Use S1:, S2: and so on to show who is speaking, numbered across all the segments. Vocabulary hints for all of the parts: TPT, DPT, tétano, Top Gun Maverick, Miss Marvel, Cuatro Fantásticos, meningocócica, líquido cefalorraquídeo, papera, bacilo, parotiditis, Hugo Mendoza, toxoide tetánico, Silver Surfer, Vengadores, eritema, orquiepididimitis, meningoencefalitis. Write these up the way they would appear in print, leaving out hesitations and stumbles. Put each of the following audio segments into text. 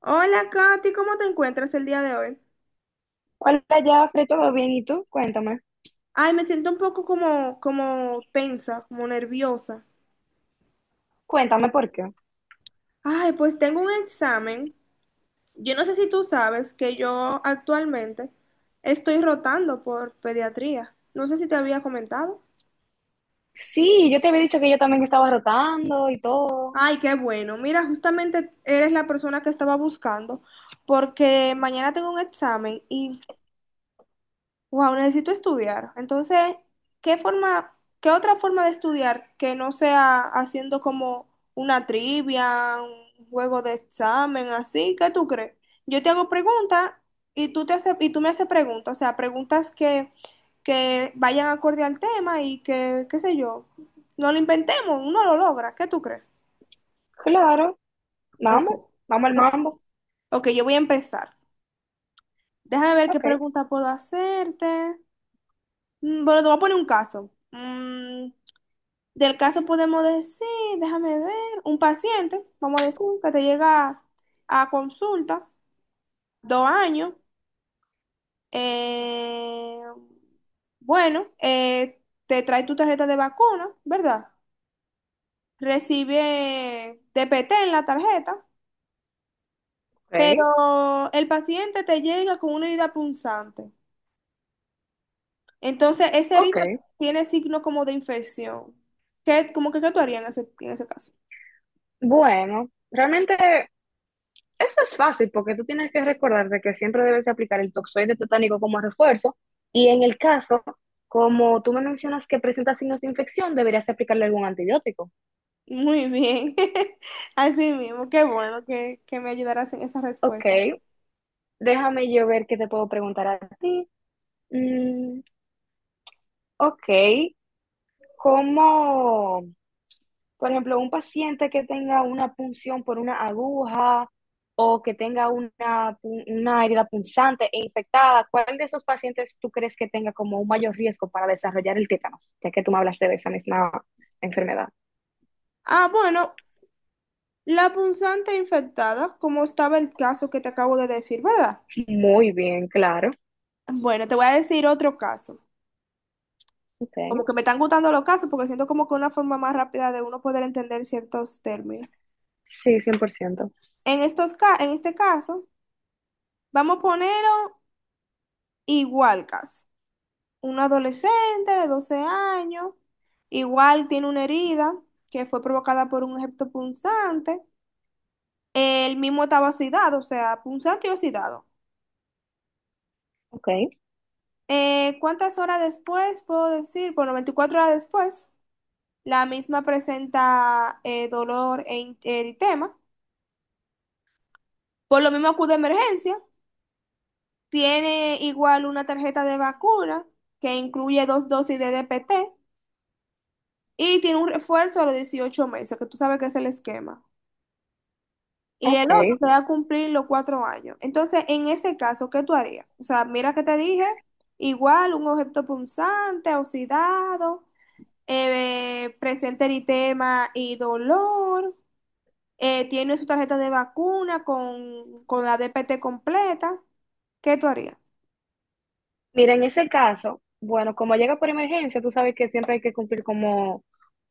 S1: Hola, Katy, ¿cómo te encuentras el día de hoy?
S2: Hola, Jafre, ¿todo bien? ¿Y tú? Cuéntame.
S1: Ay, me siento un poco como tensa, como nerviosa.
S2: Cuéntame por qué.
S1: Ay, pues tengo un examen. Yo no sé si tú sabes que yo actualmente estoy rotando por pediatría. No sé si te había comentado.
S2: Sí, yo te había dicho que yo también estaba rotando y todo.
S1: Ay, qué bueno. Mira, justamente eres la persona que estaba buscando porque mañana tengo un examen y wow, necesito estudiar. Entonces, ¿qué forma, ¿qué otra forma de estudiar que no sea haciendo como una trivia, un juego de examen, así? ¿Qué tú crees? Yo te hago preguntas y tú me haces preguntas, o sea, que vayan acorde al tema y que, qué sé yo, no lo inventemos, uno lo logra. ¿Qué tú crees?
S2: Claro,
S1: Ok.
S2: vamos, vamos al mambo.
S1: Ok, yo voy a empezar. Déjame ver qué
S2: Ok,
S1: pregunta puedo hacerte. Bueno, te voy a poner un caso. Del caso podemos decir, déjame ver, un paciente, vamos a decir, que te llega a consulta, 2 años, eh, bueno, te trae tu tarjeta de vacuna, ¿verdad? Recibe TPT en la tarjeta,
S2: ok,
S1: pero el paciente te llega con una herida punzante. Entonces, esa
S2: ok.
S1: herida tiene signos como de infección. ¿Qué, como que, qué tú harías en ese caso?
S2: Bueno, realmente eso es fácil porque tú tienes que recordarte que siempre debes de aplicar el toxoide tetánico como refuerzo y en el caso, como tú me mencionas que presenta signos de infección, deberías de aplicarle algún antibiótico.
S1: Muy bien. Así mismo, que me ayudaras en esa
S2: Ok,
S1: respuesta.
S2: déjame yo ver qué te puedo preguntar a ti. Mm, ok. Como, por ejemplo, un paciente que tenga una punción por una aguja o que tenga una, una herida punzante e infectada, ¿cuál de esos pacientes tú crees que tenga como un mayor riesgo para desarrollar el tétano? Ya que tú me hablaste de esa misma enfermedad.
S1: Ah, bueno, la punzante infectada, como estaba el caso que te acabo de decir, ¿verdad?
S2: Muy bien, claro.
S1: Bueno, te voy a decir otro caso.
S2: Okay.
S1: Como que me están gustando los casos porque siento como que una forma más rápida de uno poder entender ciertos términos.
S2: Sí, cien por ciento.
S1: En este caso, vamos a ponerlo igual caso. Un adolescente de 12 años, igual tiene una herida que fue provocada por un objeto punzante. El mismo estaba oxidado, o sea, punzante y oxidado.
S2: Ok.
S1: ¿Cuántas horas después puedo decir? Bueno, 24 horas después, la misma presenta dolor eritema. Por lo mismo acude a emergencia. Tiene igual una tarjeta de vacuna que incluye 2 dosis de DPT y tiene un refuerzo a los 18 meses, que tú sabes que es el esquema, y
S2: Ok.
S1: el otro te va a cumplir los 4 años. Entonces, en ese caso, ¿qué tú harías? O sea, mira que te dije, igual un objeto punzante, oxidado, presenta eritema y dolor, tiene su tarjeta de vacuna con la DPT completa, ¿qué tú harías?
S2: Mira, en ese caso, bueno, como llega por emergencia, tú sabes que siempre hay que cumplir como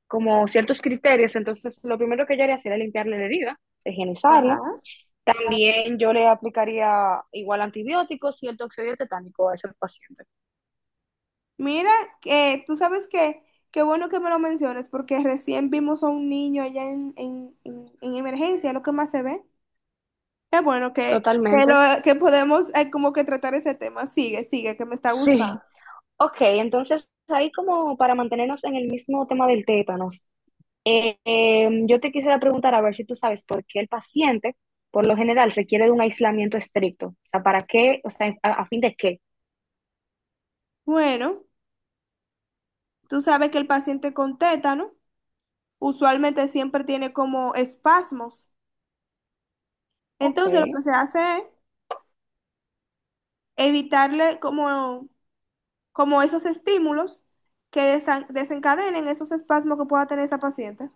S2: ciertos criterios, entonces lo primero que yo haría sería limpiarle la herida, higienizarla.
S1: Ajá.
S2: También yo le aplicaría igual antibióticos y el toxoide tetánico a ese paciente.
S1: Mira, que tú sabes que, qué bueno que me lo menciones, porque recién vimos a un niño allá en emergencia, es lo que más se ve. Qué bueno que, lo,
S2: Totalmente.
S1: que podemos como que tratar ese tema. Sigue, sigue, que me está
S2: Sí.
S1: gustando.
S2: Ok, entonces ahí como para mantenernos en el mismo tema del tétanos, yo te quisiera preguntar a ver si tú sabes por qué el paciente, por lo general, requiere de un aislamiento estricto. O sea, ¿para qué? O sea, ¿a, ¿a fin de qué?
S1: Bueno, tú sabes que el paciente con tétano usualmente siempre tiene como espasmos.
S2: Ok,
S1: Entonces lo que se hace es evitarle como, como esos estímulos que desencadenen esos espasmos que pueda tener esa paciente.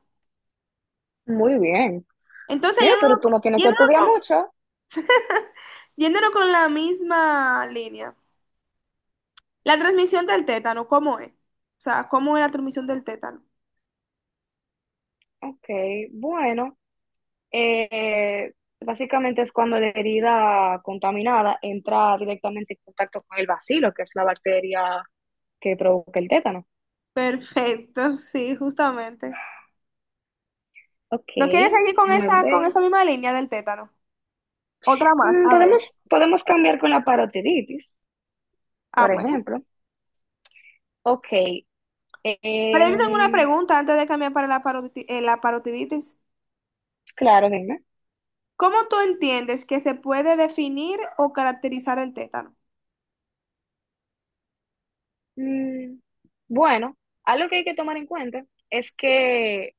S2: muy bien.
S1: Entonces,
S2: Mira, pero tú no tienes que estudiar mucho.
S1: yéndonos con la misma línea. La transmisión del tétano, ¿cómo es? O sea, ¿cómo es la transmisión del tétano?
S2: Ok, bueno, eh, básicamente es cuando la herida contaminada entra directamente en contacto con el bacilo, que es la bacteria que provoca el tétano.
S1: Perfecto, sí, justamente.
S2: Ok,
S1: ¿No quieres seguir
S2: déjame
S1: con
S2: ver.
S1: esa misma línea del tétano? Otra más,
S2: Mm,
S1: a ver.
S2: podemos cambiar con la parotiditis,
S1: Ah,
S2: por
S1: bueno.
S2: ejemplo. Ok,
S1: Pero yo tengo una
S2: em,
S1: pregunta antes de cambiar para la parotiditis.
S2: claro, dime.
S1: ¿Cómo tú entiendes que se puede definir o caracterizar el tétano?
S2: Mm, bueno, algo que hay que tomar en cuenta es que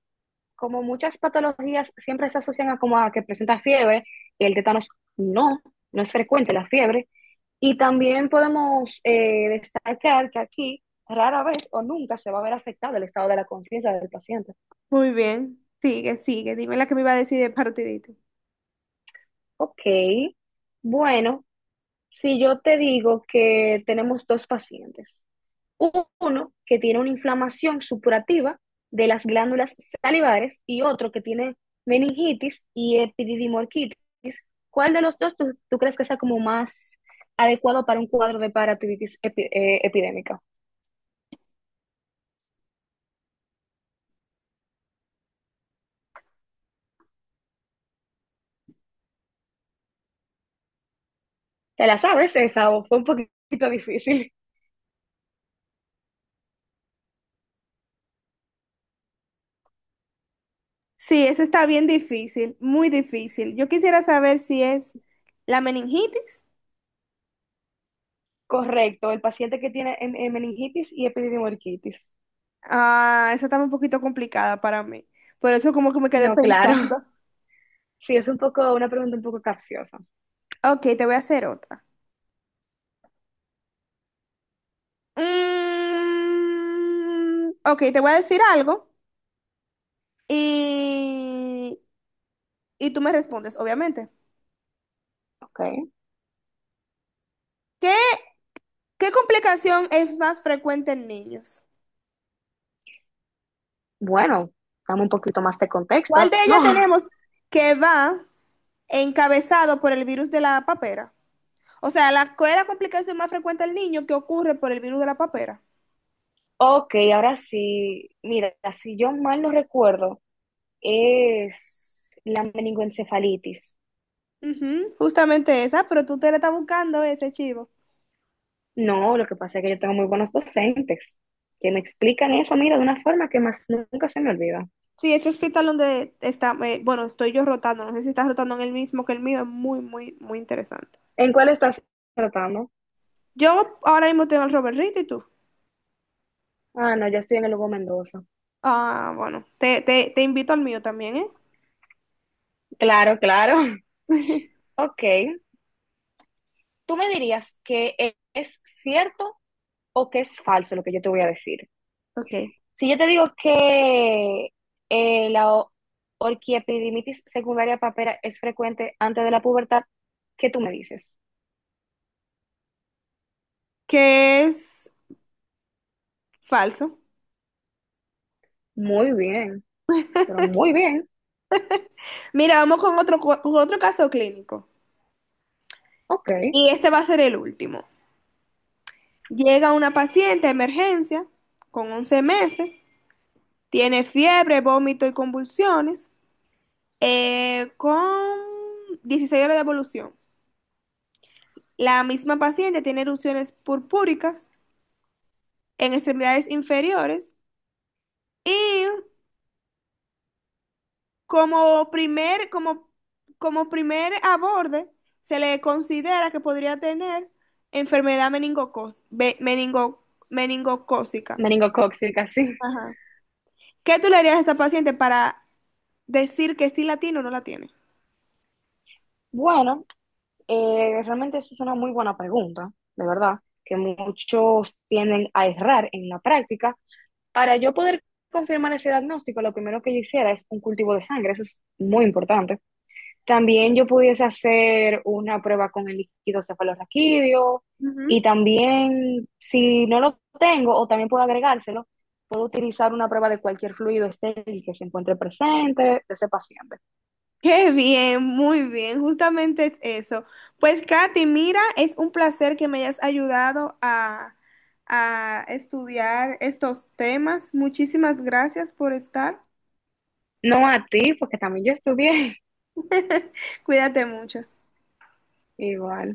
S2: como muchas patologías siempre se asocian a como a que presenta fiebre, el tétanos no, no es frecuente la fiebre. Y también podemos destacar que aquí rara vez o nunca se va a ver afectado el estado de la conciencia del paciente.
S1: Muy bien, sigue, sigue. Dime la que me iba a decir de parotiditis.
S2: Ok, bueno, si yo te digo que tenemos dos pacientes, uno que tiene una inflamación supurativa de las glándulas salivares y otro que tiene meningitis y epididimorquitis. ¿Cuál de los dos tú crees que sea como más adecuado para un cuadro de paratitis epidémica? ¿Te la sabes esa o fue un poquito difícil?
S1: Sí, esa está bien difícil, muy difícil. Yo quisiera saber si es la meningitis.
S2: Correcto, el paciente que tiene en meningitis y epididimorquitis.
S1: Ah, esa está un poquito complicada para mí. Por eso como que me quedé
S2: No, claro.
S1: pensando.
S2: Sí, es un poco, una pregunta un poco capciosa.
S1: Ok, te voy a hacer otra. Ok, te voy a decir algo y, y tú me respondes, obviamente.
S2: Ok.
S1: ¿Qué, ¿qué complicación es más frecuente en niños?
S2: Bueno, dame un poquito más de
S1: ¿Cuál
S2: contexto,
S1: de ellas
S2: ¿no?
S1: tenemos que va encabezado por el virus de la papera? O sea, ¿cuál es la complicación más frecuente en niño que ocurre por el virus de la papera?
S2: Ok, ahora sí, mira, si yo mal no recuerdo, es la meningoencefalitis.
S1: Ujú, justamente esa, pero tú te la estás buscando ese chivo.
S2: No, lo que pasa es que yo tengo muy buenos docentes que me explican eso, mira, de una forma que más nunca se me olvida.
S1: Sí, este hospital donde está, bueno, estoy yo rotando, no sé si estás rotando en el mismo que el mío, es muy, muy, muy interesante.
S2: ¿En cuál estás tratando?
S1: Yo ahora mismo tengo el Robert Reed, ¿y tú?
S2: Ah, no, yo estoy en el Hugo Mendoza.
S1: Ah, bueno, te invito al mío también, ¿eh?
S2: Claro, claro. Ok, tú me dirías que es cierto o que es falso lo que yo te voy a decir.
S1: Ok.
S2: Si yo te digo que la orquiepididimitis secundaria papera es frecuente antes de la pubertad, ¿qué tú me dices?
S1: Que es falso.
S2: Muy bien, pero muy bien.
S1: Mira, vamos con otro, con otro caso clínico.
S2: Ok.
S1: Y este va a ser el último. Llega una paciente de emergencia con 11 meses, tiene fiebre, vómito y convulsiones, con 16 horas de evolución. La misma paciente tiene erupciones purpúricas en extremidades inferiores y como primer, como, como primer aborde se le considera que podría tener enfermedad meningocócica.
S2: Meningocócica, sí.
S1: Ajá. ¿Qué tú le harías a esa paciente para decir que sí la tiene o no la tiene?
S2: Bueno, realmente eso es una muy buena pregunta, de verdad, que muchos tienden a errar en la práctica. Para yo poder confirmar ese diagnóstico, lo primero que yo hiciera es un cultivo de sangre, eso es muy importante. También yo pudiese hacer una prueba con el líquido cefalorraquídeo y
S1: Ujú.
S2: también si no lo tengo o también puedo agregárselo, puedo utilizar una prueba de cualquier fluido estéril que se encuentre presente de ese paciente.
S1: Qué bien, muy bien, justamente es eso. Pues Katy, mira, es un placer que me hayas ayudado a estudiar estos temas. Muchísimas gracias por estar.
S2: No a ti, porque también yo estudié
S1: Cuídate mucho.
S2: igual.